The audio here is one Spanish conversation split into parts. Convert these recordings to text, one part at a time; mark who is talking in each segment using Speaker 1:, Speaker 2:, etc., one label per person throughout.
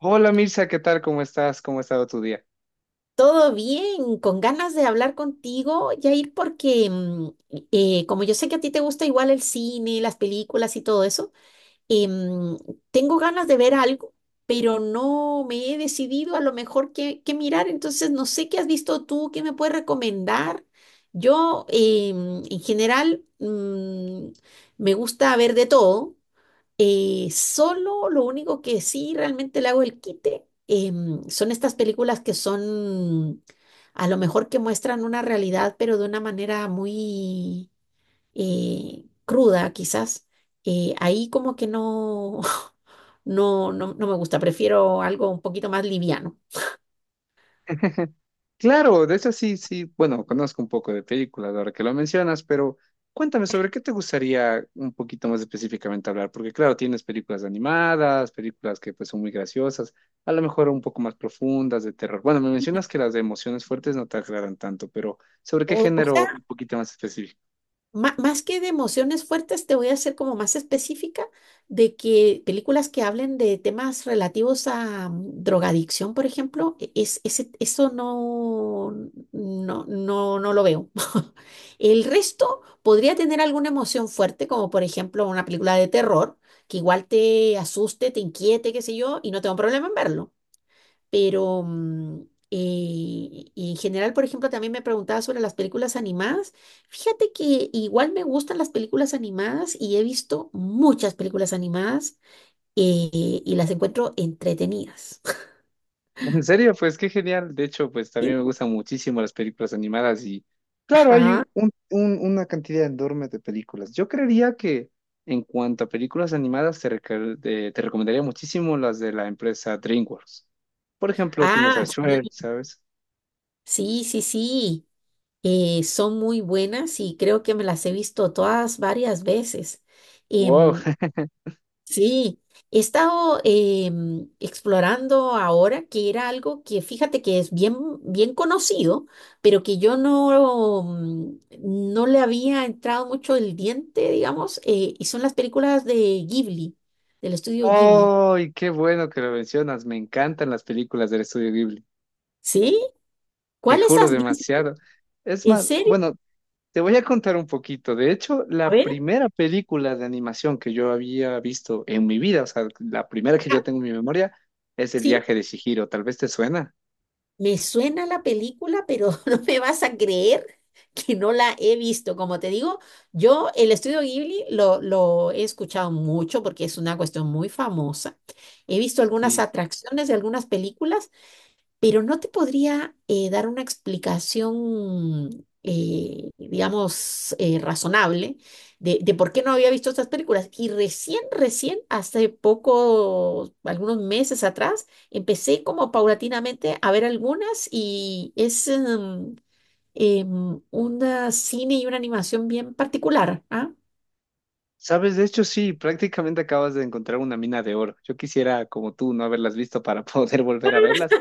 Speaker 1: Hola Mirza, ¿qué tal? ¿Cómo estás? ¿Cómo ha estado tu día?
Speaker 2: Todo bien, con ganas de hablar contigo, Jair, porque como yo sé que a ti te gusta igual el cine, las películas y todo eso, eh, mm, tengo ganas de ver algo, pero no me he decidido a lo mejor qué mirar, entonces no sé qué has visto tú, qué me puedes recomendar. Yo, en general, me gusta ver de todo, solo lo único que sí realmente le hago el quite son estas películas que son a lo mejor que muestran una realidad, pero de una manera muy cruda, quizás. Ahí como que no, no, no, no me gusta, prefiero algo un poquito más liviano.
Speaker 1: Claro, de hecho, sí, sí, bueno, conozco un poco de películas ahora que lo mencionas, pero cuéntame sobre qué te gustaría un poquito más específicamente hablar, porque claro, tienes películas animadas, películas que pues son muy graciosas, a lo mejor un poco más profundas, de terror. Bueno, me mencionas que las de emociones fuertes no te aclaran tanto, pero ¿sobre qué
Speaker 2: O sea,
Speaker 1: género un poquito más?
Speaker 2: más que de emociones fuertes, te voy a hacer como más específica de que películas que hablen de temas relativos a drogadicción, por ejemplo, eso no, no, no, no lo veo. El resto podría tener alguna emoción fuerte, como por ejemplo una película de terror, que igual te asuste, te inquiete, qué sé yo, y no tengo problema en verlo. Pero en general, por ejemplo, también me preguntaba sobre las películas animadas. Fíjate que igual me gustan las películas animadas y he visto muchas películas animadas eh, y las encuentro entretenidas.
Speaker 1: En serio, pues qué genial. De hecho, pues
Speaker 2: Sí.
Speaker 1: también me gustan muchísimo las películas animadas y claro, hay
Speaker 2: Ajá.
Speaker 1: una cantidad enorme de películas. Yo creería que en cuanto a películas animadas, te, te recomendaría muchísimo las de la empresa DreamWorks. Por ejemplo, tienes a
Speaker 2: Ah, sí,
Speaker 1: Shrek, ¿sabes?
Speaker 2: sí, sí, sí. Son muy buenas y creo que me las he visto todas varias veces.
Speaker 1: ¡Wow!
Speaker 2: Em, Sí, he estado explorando ahora que era algo que fíjate que es bien, bien conocido, pero que yo no le había entrado mucho el diente, digamos, y son las películas de Ghibli, del estudio Ghibli.
Speaker 1: ¡Ay, qué bueno que lo mencionas! Me encantan las películas del estudio Ghibli.
Speaker 2: ¿Sí?
Speaker 1: Te
Speaker 2: ¿Cuáles
Speaker 1: juro
Speaker 2: has visto?
Speaker 1: demasiado. Es
Speaker 2: ¿En
Speaker 1: más,
Speaker 2: serio?
Speaker 1: bueno, te voy a contar un poquito. De hecho,
Speaker 2: A
Speaker 1: la
Speaker 2: ver,
Speaker 1: primera película de animación que yo había visto en mi vida, o sea, la primera que
Speaker 2: ajá,
Speaker 1: yo tengo en mi memoria, es El
Speaker 2: sí.
Speaker 1: viaje de Chihiro. Tal vez te suena.
Speaker 2: Me suena la película, pero no me vas a creer que no la he visto. Como te digo, yo el estudio Ghibli lo he escuchado mucho porque es una cuestión muy famosa. He visto algunas
Speaker 1: Sí.
Speaker 2: atracciones de algunas películas, pero no te podría dar una explicación, digamos, razonable de por qué no había visto estas películas. Y recién, recién, hace poco, algunos meses atrás, empecé como paulatinamente a ver algunas y es un cine y una animación bien particular. ¿Ah?
Speaker 1: Sabes, de hecho, sí, prácticamente acabas de encontrar una mina de oro. Yo quisiera, como tú, no haberlas visto para poder volver a verlas,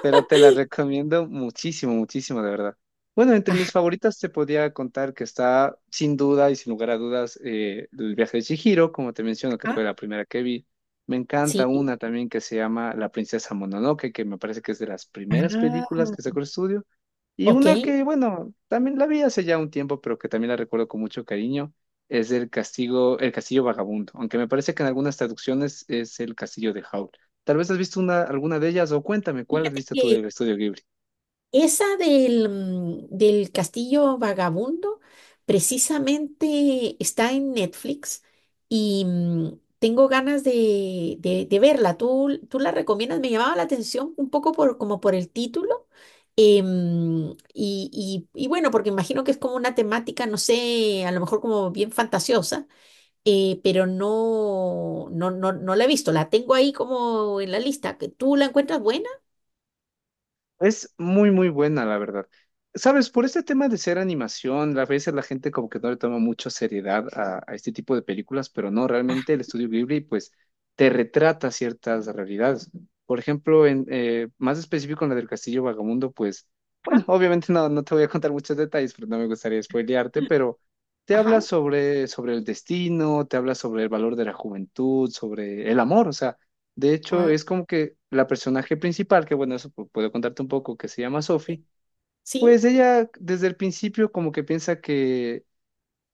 Speaker 1: pero te la recomiendo muchísimo, muchísimo, de verdad. Bueno, entre mis favoritas te podía contar que está, sin duda y sin lugar a dudas, El viaje de Chihiro, como te menciono, que fue
Speaker 2: Ajá,
Speaker 1: la primera que vi. Me encanta
Speaker 2: sí.
Speaker 1: una también que se llama La princesa Mononoke, que me parece que es de las primeras
Speaker 2: Ah,
Speaker 1: películas que sacó el estudio. Y
Speaker 2: ok.
Speaker 1: una que, bueno, también la vi hace ya un tiempo, pero que también la recuerdo con mucho cariño, es El castigo, El castillo vagabundo, aunque me parece que en algunas traducciones es El castillo de Howl. Tal vez has visto una, alguna de ellas, o cuéntame, ¿cuál has visto tú del estudio Ghibli?
Speaker 2: Esa del Castillo Vagabundo precisamente está en Netflix y tengo ganas de verla. ¿Tú la recomiendas? Me llamaba la atención un poco por, como por el título. Y bueno, porque imagino que es como una temática, no sé, a lo mejor como bien fantasiosa, pero no, no, no, no la he visto. La tengo ahí como en la lista. ¿Tú la encuentras buena?
Speaker 1: Es muy, muy buena, la verdad. Sabes, por este tema de ser animación, a veces la gente como que no le toma mucha seriedad a este tipo de películas, pero no, realmente el estudio Ghibli pues te retrata ciertas realidades. Por ejemplo, en, más específico, en la del Castillo Vagamundo, pues,
Speaker 2: Ajá,
Speaker 1: bueno, obviamente no, no te voy a contar muchos detalles, pero no me gustaría spoilearte, pero te habla
Speaker 2: ajá.
Speaker 1: sobre, sobre el destino, te habla sobre el valor de la juventud, sobre el amor, o sea. De hecho,
Speaker 2: Ah.
Speaker 1: es como que la personaje principal, que bueno, eso puedo contarte un poco, que se llama Sophie,
Speaker 2: ¿Sí?
Speaker 1: pues ella desde el principio como que piensa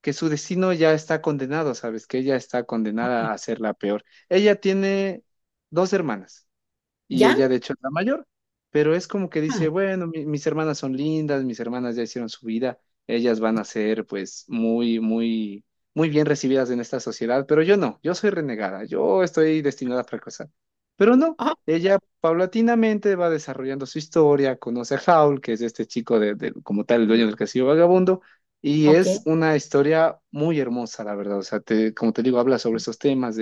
Speaker 1: que su destino ya está condenado, ¿sabes? Que ella está condenada a ser la peor. Ella tiene dos hermanas y
Speaker 2: ¿Ya?
Speaker 1: ella de hecho es la mayor, pero es como que
Speaker 2: Ah,
Speaker 1: dice,
Speaker 2: ¿ya?
Speaker 1: bueno, mis hermanas son lindas, mis hermanas ya hicieron su vida, ellas van a ser pues muy, muy, muy bien recibidas en esta sociedad, pero yo no, yo soy renegada, yo estoy destinada a fracasar. Pero no,
Speaker 2: Ah,
Speaker 1: ella paulatinamente va desarrollando su historia, conoce a Howl, que es este chico de, como tal, el dueño del
Speaker 2: ah,
Speaker 1: castillo vagabundo. Y
Speaker 2: ok,
Speaker 1: es una historia muy hermosa, la verdad. O sea, como te digo, habla sobre esos temas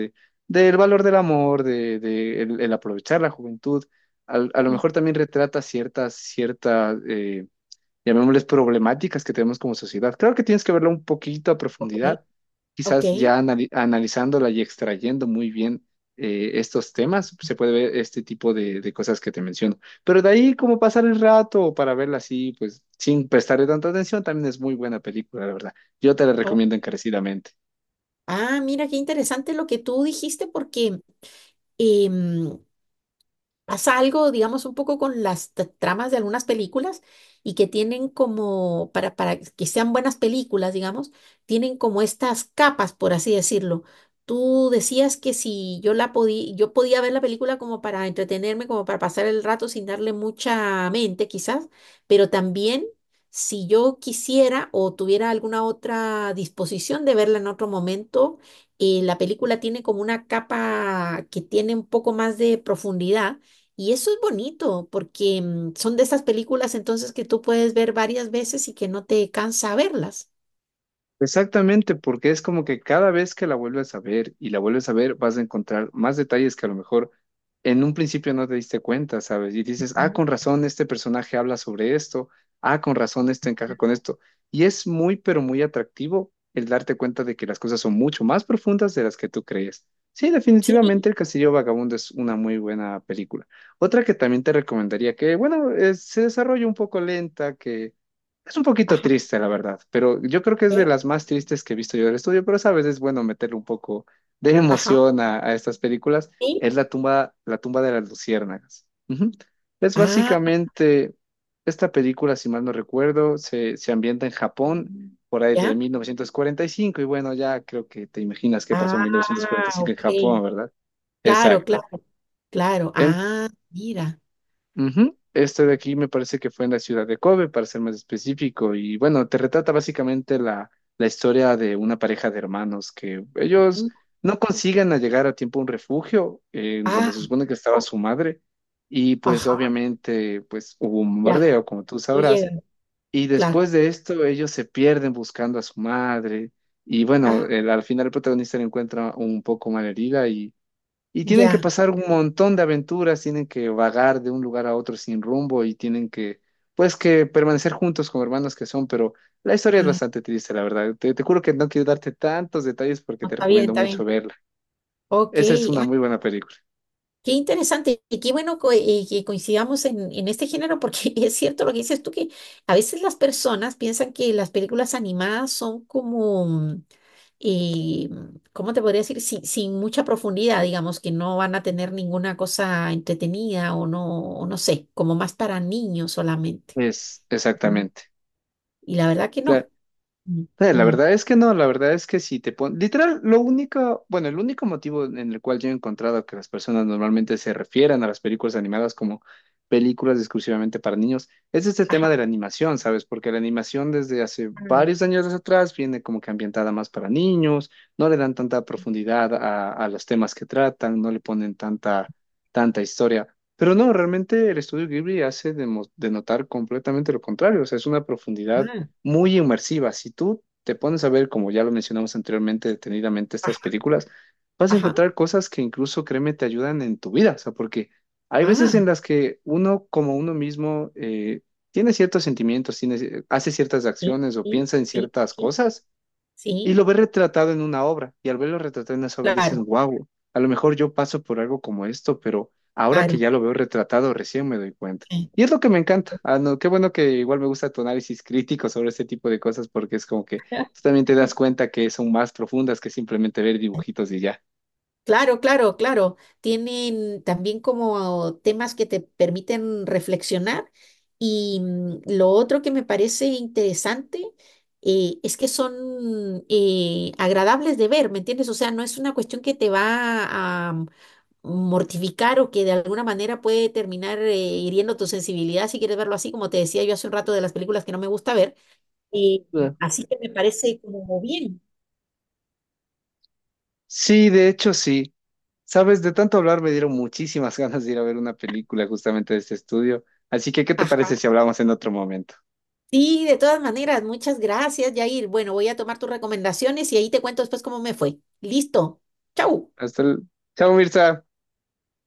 Speaker 1: del valor del amor, de el aprovechar la juventud. A lo
Speaker 2: mm,
Speaker 1: mejor también retrata ciertas, ciertas, llamémosles problemáticas que tenemos como sociedad. Creo que tienes que verlo un poquito a
Speaker 2: ok,
Speaker 1: profundidad,
Speaker 2: ok.
Speaker 1: quizás ya analizándola y extrayendo muy bien estos temas, se puede ver este tipo de cosas que te menciono. Pero de ahí, como pasar el rato o para verla así, pues sin prestarle tanta atención, también es muy buena película, la verdad. Yo te la
Speaker 2: Oh.
Speaker 1: recomiendo encarecidamente.
Speaker 2: Ah, mira, qué interesante lo que tú dijiste porque em, pasa algo, digamos, un poco con las tramas de algunas películas y que tienen como, para que sean buenas películas, digamos, tienen como estas capas, por así decirlo. Tú decías que si yo la podía, yo podía ver la película como para entretenerme, como para pasar el rato sin darle mucha mente, quizás, pero también si yo quisiera o tuviera alguna otra disposición de verla en otro momento, la película tiene como una capa que tiene un poco más de profundidad y eso es bonito porque son de esas películas entonces que tú puedes ver varias veces y que no te cansa verlas.
Speaker 1: Exactamente, porque es como que cada vez que la vuelves a ver y la vuelves a ver, vas a encontrar más detalles que a lo mejor en un principio no te diste cuenta, ¿sabes? Y dices, ah,
Speaker 2: No.
Speaker 1: con razón, este personaje habla sobre esto, ah, con razón, esto encaja con esto. Y es muy, pero muy atractivo el darte cuenta de que las cosas son mucho más profundas de las que tú crees. Sí,
Speaker 2: Sí,
Speaker 1: definitivamente El Castillo Vagabundo es una muy buena película. Otra que también te recomendaría, que bueno, se desarrolla un poco lenta, que es un poquito
Speaker 2: ajá,
Speaker 1: triste, la verdad, pero yo creo que es de
Speaker 2: eh,
Speaker 1: las más tristes que he visto yo del estudio, pero sabes, es bueno meterle un poco de
Speaker 2: ajá,
Speaker 1: emoción a estas películas.
Speaker 2: sí,
Speaker 1: Es la tumba de las luciérnagas. Ujú. Es
Speaker 2: ah,
Speaker 1: básicamente, esta película, si mal no recuerdo, se ambienta en Japón por ahí de
Speaker 2: ya,
Speaker 1: 1945 y cinco, y bueno, ya creo que te imaginas qué pasó
Speaker 2: ah,
Speaker 1: en 1945 en
Speaker 2: ok,
Speaker 1: Japón, ¿verdad?
Speaker 2: claro,
Speaker 1: Exacto.
Speaker 2: claro, claro, ah, mira,
Speaker 1: Ujú. Este de aquí me parece que fue en la ciudad de Kobe, para ser más específico. Y bueno, te retrata básicamente la, la historia de una pareja de hermanos que ellos
Speaker 2: mm,
Speaker 1: no consiguen a llegar a tiempo a un refugio en donde
Speaker 2: ah,
Speaker 1: se supone que estaba
Speaker 2: oh,
Speaker 1: su madre. Y pues
Speaker 2: ajá,
Speaker 1: obviamente pues hubo un
Speaker 2: ya,
Speaker 1: bombardeo, como tú
Speaker 2: no
Speaker 1: sabrás.
Speaker 2: llega,
Speaker 1: Y
Speaker 2: claro,
Speaker 1: después de esto ellos se pierden buscando a su madre. Y bueno,
Speaker 2: ah,
Speaker 1: al final el protagonista la encuentra un poco malherida y tienen que
Speaker 2: ya,
Speaker 1: pasar un montón de aventuras, tienen que vagar de un lugar a otro sin rumbo y tienen que, pues, que permanecer juntos como hermanos que son, pero la historia es
Speaker 2: mm,
Speaker 1: bastante triste, la verdad. Te juro que no quiero darte tantos detalles porque
Speaker 2: no,
Speaker 1: te recomiendo
Speaker 2: está
Speaker 1: mucho
Speaker 2: bien,
Speaker 1: verla.
Speaker 2: ok.
Speaker 1: Esa es una muy buena película.
Speaker 2: Qué interesante y qué bueno que coincidamos en este género porque es cierto lo que dices tú, que a veces las personas piensan que las películas animadas son como, eh, ¿cómo te podría decir? Sin mucha profundidad, digamos, que no van a tener ninguna cosa entretenida o no sé, como más para niños solamente.
Speaker 1: Es,
Speaker 2: Y,
Speaker 1: exactamente.
Speaker 2: y la verdad que
Speaker 1: La-
Speaker 2: no. Mm,
Speaker 1: La
Speaker 2: mm.
Speaker 1: verdad es que no, la verdad es que si te pones, literal, lo único, bueno, el único motivo en el cual yo he encontrado que las personas normalmente se refieren a las películas animadas como películas exclusivamente para niños es este tema
Speaker 2: Ajá.
Speaker 1: de la animación, ¿sabes? Porque la animación desde hace varios años atrás viene como que ambientada más para niños, no le dan tanta profundidad a los temas que tratan, no le ponen tanta, tanta historia. Pero no, realmente el estudio Ghibli hace denotar completamente lo contrario, o sea, es una profundidad
Speaker 2: Ajá.
Speaker 1: muy inmersiva. Si tú te pones a ver, como ya lo mencionamos anteriormente, detenidamente estas
Speaker 2: Ajá.
Speaker 1: películas, vas a
Speaker 2: Ajá.
Speaker 1: encontrar cosas que incluso, créeme, te ayudan en tu vida. O sea, porque hay veces en
Speaker 2: Ah,
Speaker 1: las que uno, como uno mismo, tiene ciertos sentimientos, tiene, hace ciertas
Speaker 2: sí,
Speaker 1: acciones o
Speaker 2: sí,
Speaker 1: piensa en
Speaker 2: sí,
Speaker 1: ciertas
Speaker 2: sí,
Speaker 1: cosas y
Speaker 2: sí,
Speaker 1: lo ves retratado en una obra, y al verlo retratado en esa obra dices,
Speaker 2: claro,
Speaker 1: wow, a lo mejor yo paso por algo como esto, pero ahora que
Speaker 2: claro.
Speaker 1: ya lo veo retratado, recién me doy cuenta.
Speaker 2: Sí.
Speaker 1: Y es lo que me encanta. Ah, no, qué bueno que igual me gusta tu análisis crítico sobre este tipo de cosas, porque es como que tú también te das cuenta que son más profundas que simplemente ver dibujitos y ya.
Speaker 2: Claro, claro, claro. Tienen también como temas que te permiten reflexionar y lo otro que me parece interesante es que son agradables de ver, ¿me entiendes? O sea, no es una cuestión que te va a mortificar o que de alguna manera puede terminar hiriendo tu sensibilidad si quieres verlo así, como te decía yo hace un rato de las películas que no me gusta ver. Eh,
Speaker 1: Eh,
Speaker 2: así que me parece como bien.
Speaker 1: Sí, de hecho, sí. Sabes, de tanto hablar me dieron muchísimas ganas de ir a ver una película justamente de este estudio. Así que, ¿qué te parece
Speaker 2: Ajá.
Speaker 1: si hablamos en otro momento?
Speaker 2: Sí, de todas maneras, muchas gracias, Yair. Bueno, voy a tomar tus recomendaciones y ahí te cuento después cómo me fue. Listo. Chau.
Speaker 1: Hasta el... Chao, Mirza.